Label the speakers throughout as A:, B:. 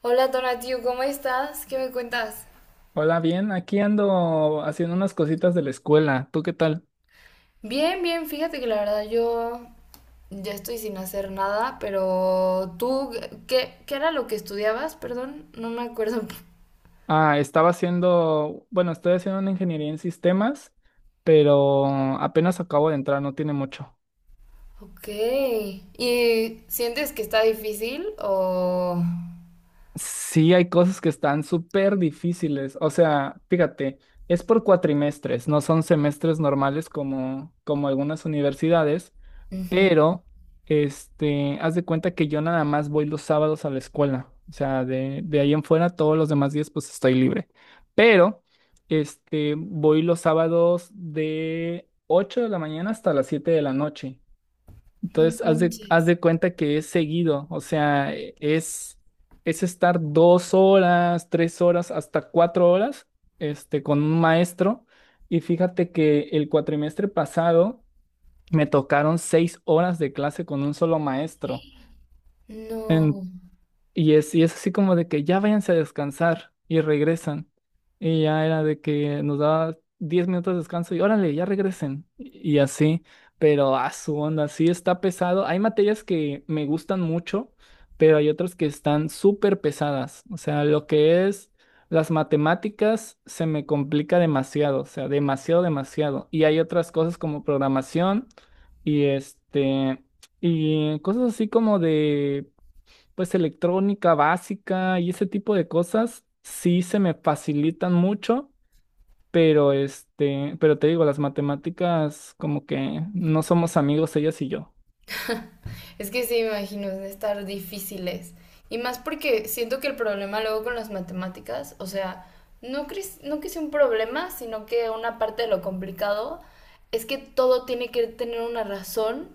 A: Hola Donatiu, ¿cómo estás? ¿Qué me cuentas?
B: Hola, bien, aquí ando haciendo unas cositas de la escuela. ¿Tú qué tal?
A: Bien, bien, fíjate que la verdad yo ya estoy sin hacer nada, pero tú, ¿qué era lo que estudiabas? Perdón, no me acuerdo.
B: Ah, estaba haciendo, bueno, estoy haciendo una ingeniería en sistemas, pero apenas acabo de entrar, no tiene mucho.
A: Ok. ¿Y sientes que está difícil o...?
B: Sí, hay cosas que están súper difíciles. O sea, fíjate, es por cuatrimestres, no son semestres normales como algunas universidades.
A: Ujú.
B: Pero, haz de cuenta que yo nada más voy los sábados a la escuela. O sea, de ahí en fuera, todos los demás días, pues estoy libre. Pero, voy los sábados de 8 de la mañana hasta las 7 de la noche.
A: No
B: Entonces, haz de, haz
A: manches.
B: de cuenta que es seguido. O sea, es estar 2 horas, 3 horas, hasta 4 horas, con un maestro. Y fíjate que el cuatrimestre pasado, me tocaron 6 horas de clase con un solo maestro. En-
A: No.
B: y es así como de que ya váyanse a descansar y regresan. Y ya era de que nos daba 10 minutos de descanso y órale, ya regresen. Y así, pero a su onda, sí está pesado. Hay materias que me gustan mucho, pero hay otras que están súper pesadas. O sea, lo que es las matemáticas se me complica demasiado, o sea, demasiado, demasiado. Y hay otras cosas como programación y este, y cosas así como de pues electrónica básica y ese tipo de cosas sí se me facilitan mucho, pero pero te digo, las matemáticas como que no somos amigos ellas y yo.
A: Es que sí, me imagino, de estar difíciles. Y más porque siento que el problema luego con las matemáticas, o sea, no, no que sea un problema, sino que una parte de lo complicado es que todo tiene que tener una razón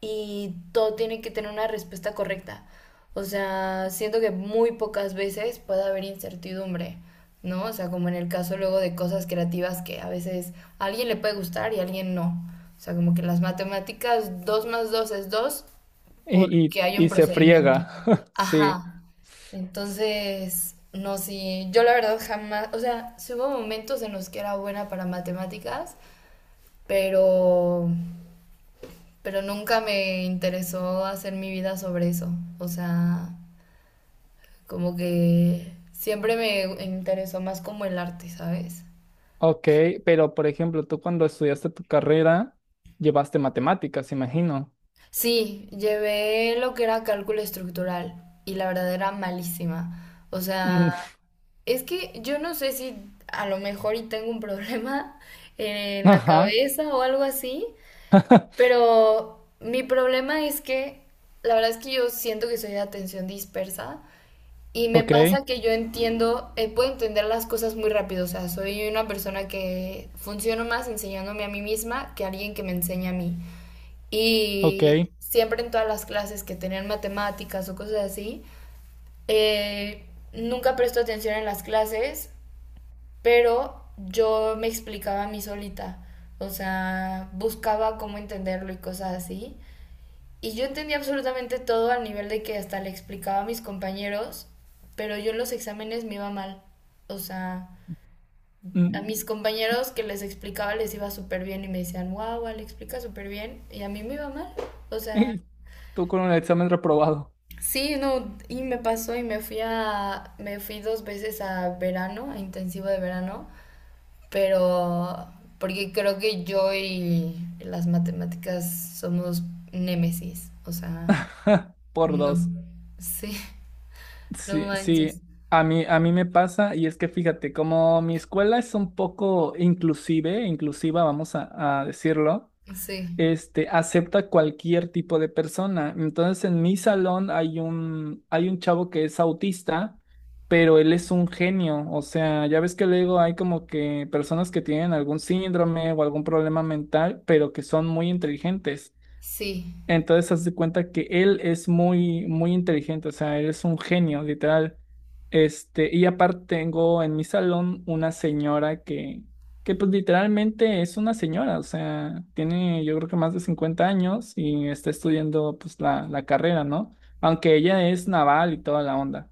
A: y todo tiene que tener una respuesta correcta. O sea, siento que muy pocas veces puede haber incertidumbre, ¿no? O sea, como en el caso luego de cosas creativas que a veces a alguien le puede gustar y a alguien no. O sea, como que las matemáticas 2 más 2 es 2
B: Y, y,
A: porque hay un
B: y se
A: procedimiento.
B: friega. Sí.
A: Ajá.
B: S-
A: Entonces, no, sí, yo la verdad jamás, o sea, sí hubo momentos en los que era buena para matemáticas, pero, pero nunca me interesó hacer mi vida sobre eso. O sea, como que siempre me interesó más como el arte, ¿sabes?
B: Ok, pero por ejemplo, tú cuando estudiaste tu carrera, llevaste matemáticas, imagino.
A: Sí, llevé lo que era cálculo estructural y la verdad era malísima. O sea,
B: Mm.
A: es que yo no sé si a lo mejor y tengo un problema en la
B: Ajá.
A: cabeza o algo así, pero mi problema es que la verdad es que yo siento que soy de atención dispersa y me
B: Ok,
A: pasa que yo entiendo, puedo entender las cosas muy rápido, o sea, soy una persona que funciono más enseñándome a mí misma que alguien que me enseña a mí.
B: ok.
A: Y siempre en todas las clases que tenían matemáticas o cosas así, eh, nunca presto atención en las clases, pero yo me explicaba a mí solita, o sea, buscaba cómo entenderlo y cosas así. Y yo entendía absolutamente todo al nivel de que hasta le explicaba a mis compañeros, pero yo en los exámenes me iba mal. O sea, a
B: Mm.
A: mis compañeros que les explicaba les iba súper bien y me decían, wow, le explica súper bien. Y a mí me iba mal. O sea,
B: Y tú con un examen reprobado,
A: sí, no, y me pasó y me fui me fui dos veces a verano, a intensivo de verano, pero porque creo que yo y las matemáticas somos némesis, o sea,
B: por
A: no,
B: dos.
A: sí, no
B: Sí, sí,
A: manches,
B: a mí me pasa, y es que fíjate, como mi escuela es un poco inclusive, inclusiva, vamos a decirlo,
A: sí,
B: acepta cualquier tipo de persona. Entonces, en mi salón hay un chavo que es autista, pero él es un genio. O sea, ya ves que luego hay como que personas que tienen algún síndrome o algún problema mental, pero que son muy inteligentes.
A: sí,
B: Entonces, haz de cuenta que él es muy, muy inteligente, o sea, él es un genio, literal. Y aparte tengo en mi salón una señora que pues literalmente es una señora, o sea, tiene yo creo que más de 50 años y está estudiando pues la carrera, ¿no? Aunque ella es naval y toda la onda,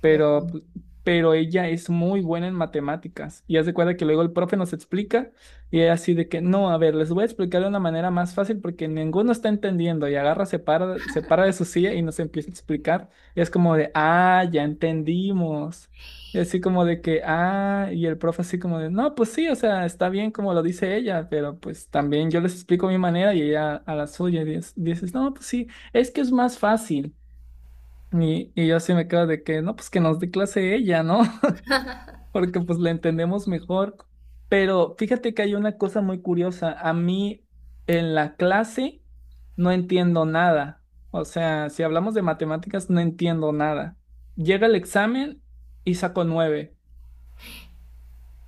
B: pero,
A: wow,
B: pu- pero ella es muy buena en matemáticas. Y haz de cuenta que luego el profe nos explica y ella así de que, no, a ver, les voy a explicar de una manera más fácil porque ninguno está entendiendo, y agarra, se para de su silla y nos empieza a explicar. Y es como de, ah, ya entendimos. Y así como de que, ah, y el profe así como de, no, pues sí, o sea, está bien como lo dice ella, pero pues también yo les explico mi manera y ella a la suya, y dices, no, pues sí, es que es más fácil. Y yo así me quedo de que, no, pues que nos dé clase ella, ¿no? Porque pues la entendemos mejor. Pero fíjate que hay una cosa muy curiosa. A mí en la clase no entiendo nada. O sea, si hablamos de matemáticas, no entiendo nada. Llega el examen y saco nueve.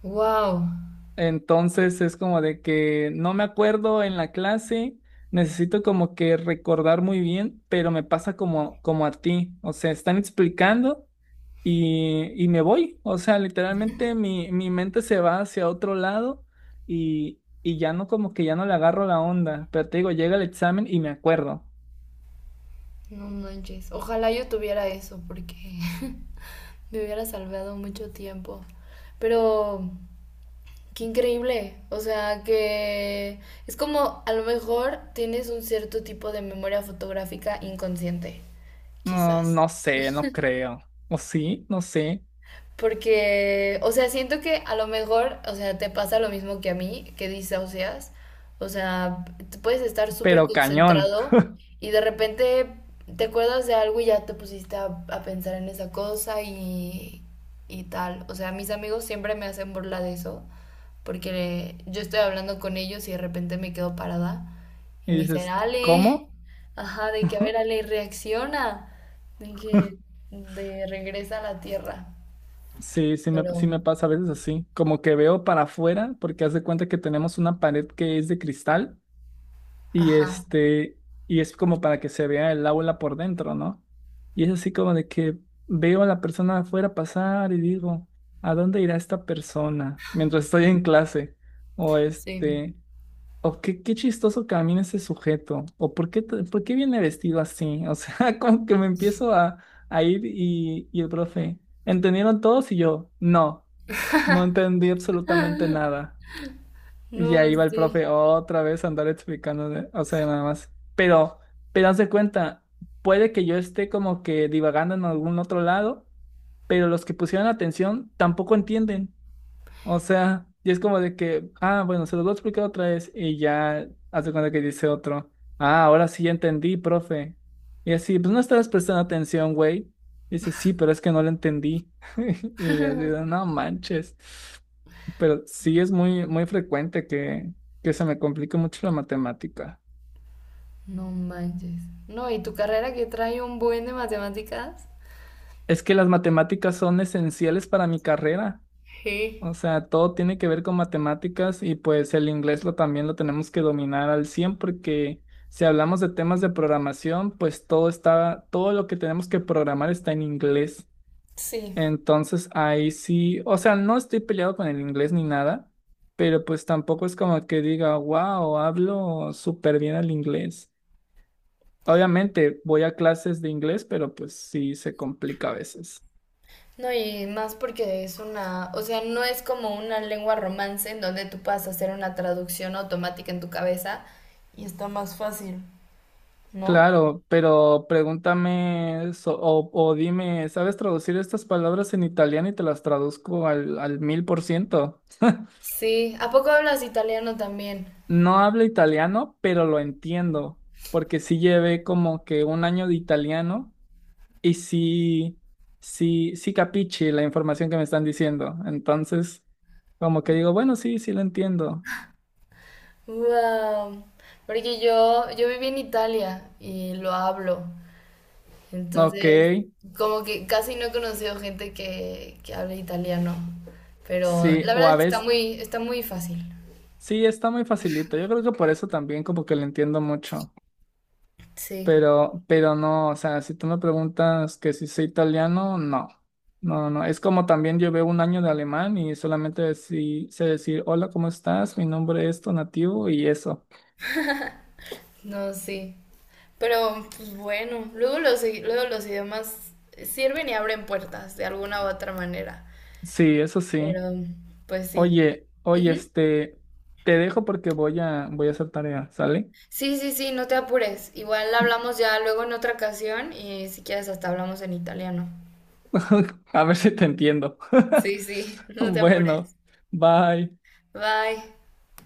A: wow,
B: Entonces es como de que no me acuerdo en la clase. Necesito como que recordar muy bien, pero me pasa como a ti. O sea, están explicando, y me voy. O sea, literalmente mi mente se va hacia otro lado, y ya no, como que ya no le agarro la onda. Pero te digo, llega el examen y me acuerdo.
A: no manches, ojalá yo tuviera eso porque me hubiera salvado mucho tiempo, pero qué increíble, o sea, que es como a lo mejor tienes un cierto tipo de memoria fotográfica inconsciente,
B: No,
A: quizás.
B: no sé, no creo. O sí, no sé,
A: Porque, o sea, siento que a lo mejor, o sea, te pasa lo mismo que a mí, que disocias. O sea, te puedes estar súper
B: pero cañón.
A: concentrado y de repente te acuerdas de algo y ya te pusiste a pensar en esa cosa y tal. O sea, mis amigos siempre me hacen burla de eso, porque yo estoy hablando con ellos y de repente me quedo parada y
B: Y
A: me dicen,
B: dices,
A: Ale,
B: ¿cómo?
A: ajá, de que a ver, Ale, reacciona, de que de regresa a la tierra.
B: Sí, sí me, sí
A: Pero,
B: me pasa a veces así, como que veo para afuera, porque haz de cuenta que tenemos una pared que es de cristal. Y
A: ajá,
B: este, y es como para que se vea el aula por dentro, ¿no? Y es así como de que veo a la persona afuera pasar y digo, ¿a dónde irá esta persona mientras estoy en clase? O
A: sí.
B: este, o qué chistoso camina ese sujeto, o por qué viene vestido así. O sea, como que me empiezo a ir, y el profe, ¿entendieron todos? Y yo, no, no entendí absolutamente nada. Y
A: No,
B: ahí va el
A: sí.
B: profe otra vez a andar explicando, o sea, nada más. Pero haz de cuenta, puede que yo esté como que divagando en algún otro lado, pero los que pusieron atención tampoco entienden. O sea, y es como de que, ah, bueno, se los voy a explicar otra vez, y ya haz de cuenta que dice otro, ah, ahora sí ya entendí, profe. Y así, pues no estabas prestando atención, güey. Dice, sí, pero es que no lo entendí. Y así, de, no manches, pero sí es muy, muy frecuente que se me complique mucho la matemática.
A: No manches. No, y tu carrera que trae un buen de matemáticas.
B: Es que las matemáticas son esenciales para mi carrera.
A: Sí.
B: O sea, todo tiene que ver con matemáticas, y pues el inglés lo también lo tenemos que dominar al cien, porque si hablamos de temas de programación, pues todo está, todo lo que tenemos que programar está en inglés.
A: Sí.
B: Entonces ahí sí, o sea, no estoy peleado con el inglés ni nada, pero pues tampoco es como que diga, wow, hablo súper bien el inglés. Obviamente voy a clases de inglés, pero pues sí se complica a veces.
A: No, y más porque es una, o sea, no es como una lengua romance en donde tú puedas hacer una traducción automática en tu cabeza y está más fácil, ¿no?
B: Claro, pero pregúntame o dime, ¿sabes traducir estas palabras en italiano?, y te las traduzco al 1.000%.
A: Sí, ¿a poco hablas italiano también?
B: No hablo italiano, pero lo entiendo, porque sí llevé como que un año de italiano, y sí, sí, sí capiche la información que me están diciendo. Entonces, como que digo, bueno, sí, sí lo entiendo.
A: Wow. Porque yo viví en Italia y lo hablo.
B: Ok.
A: Entonces, como que casi no he conocido gente que hable italiano, pero
B: Sí,
A: la
B: o
A: verdad es
B: a
A: que
B: veces
A: está muy fácil.
B: sí, está muy facilito. Yo creo que por eso también como que lo entiendo mucho.
A: Sí,
B: Pero no, o sea, si tú me preguntas que si soy italiano, no. No, no, no. Es como también llevé un año de alemán, y solamente sé decir, hola, ¿cómo estás? Mi nombre es tu nativo, y eso.
A: no, sí. Pero, pues bueno, luego luego los idiomas sirven y abren puertas de alguna u otra manera.
B: Sí, eso sí.
A: Pero, pues sí.
B: Oye, oye,
A: Ujú.
B: te dejo porque voy a hacer tarea, ¿sale?
A: Sí, sí, sí, no te apures. Igual hablamos ya luego en otra ocasión y si quieres hasta hablamos en italiano.
B: A ver si te entiendo.
A: Sí, sí, no te apures.
B: Bueno, bye.
A: Bye.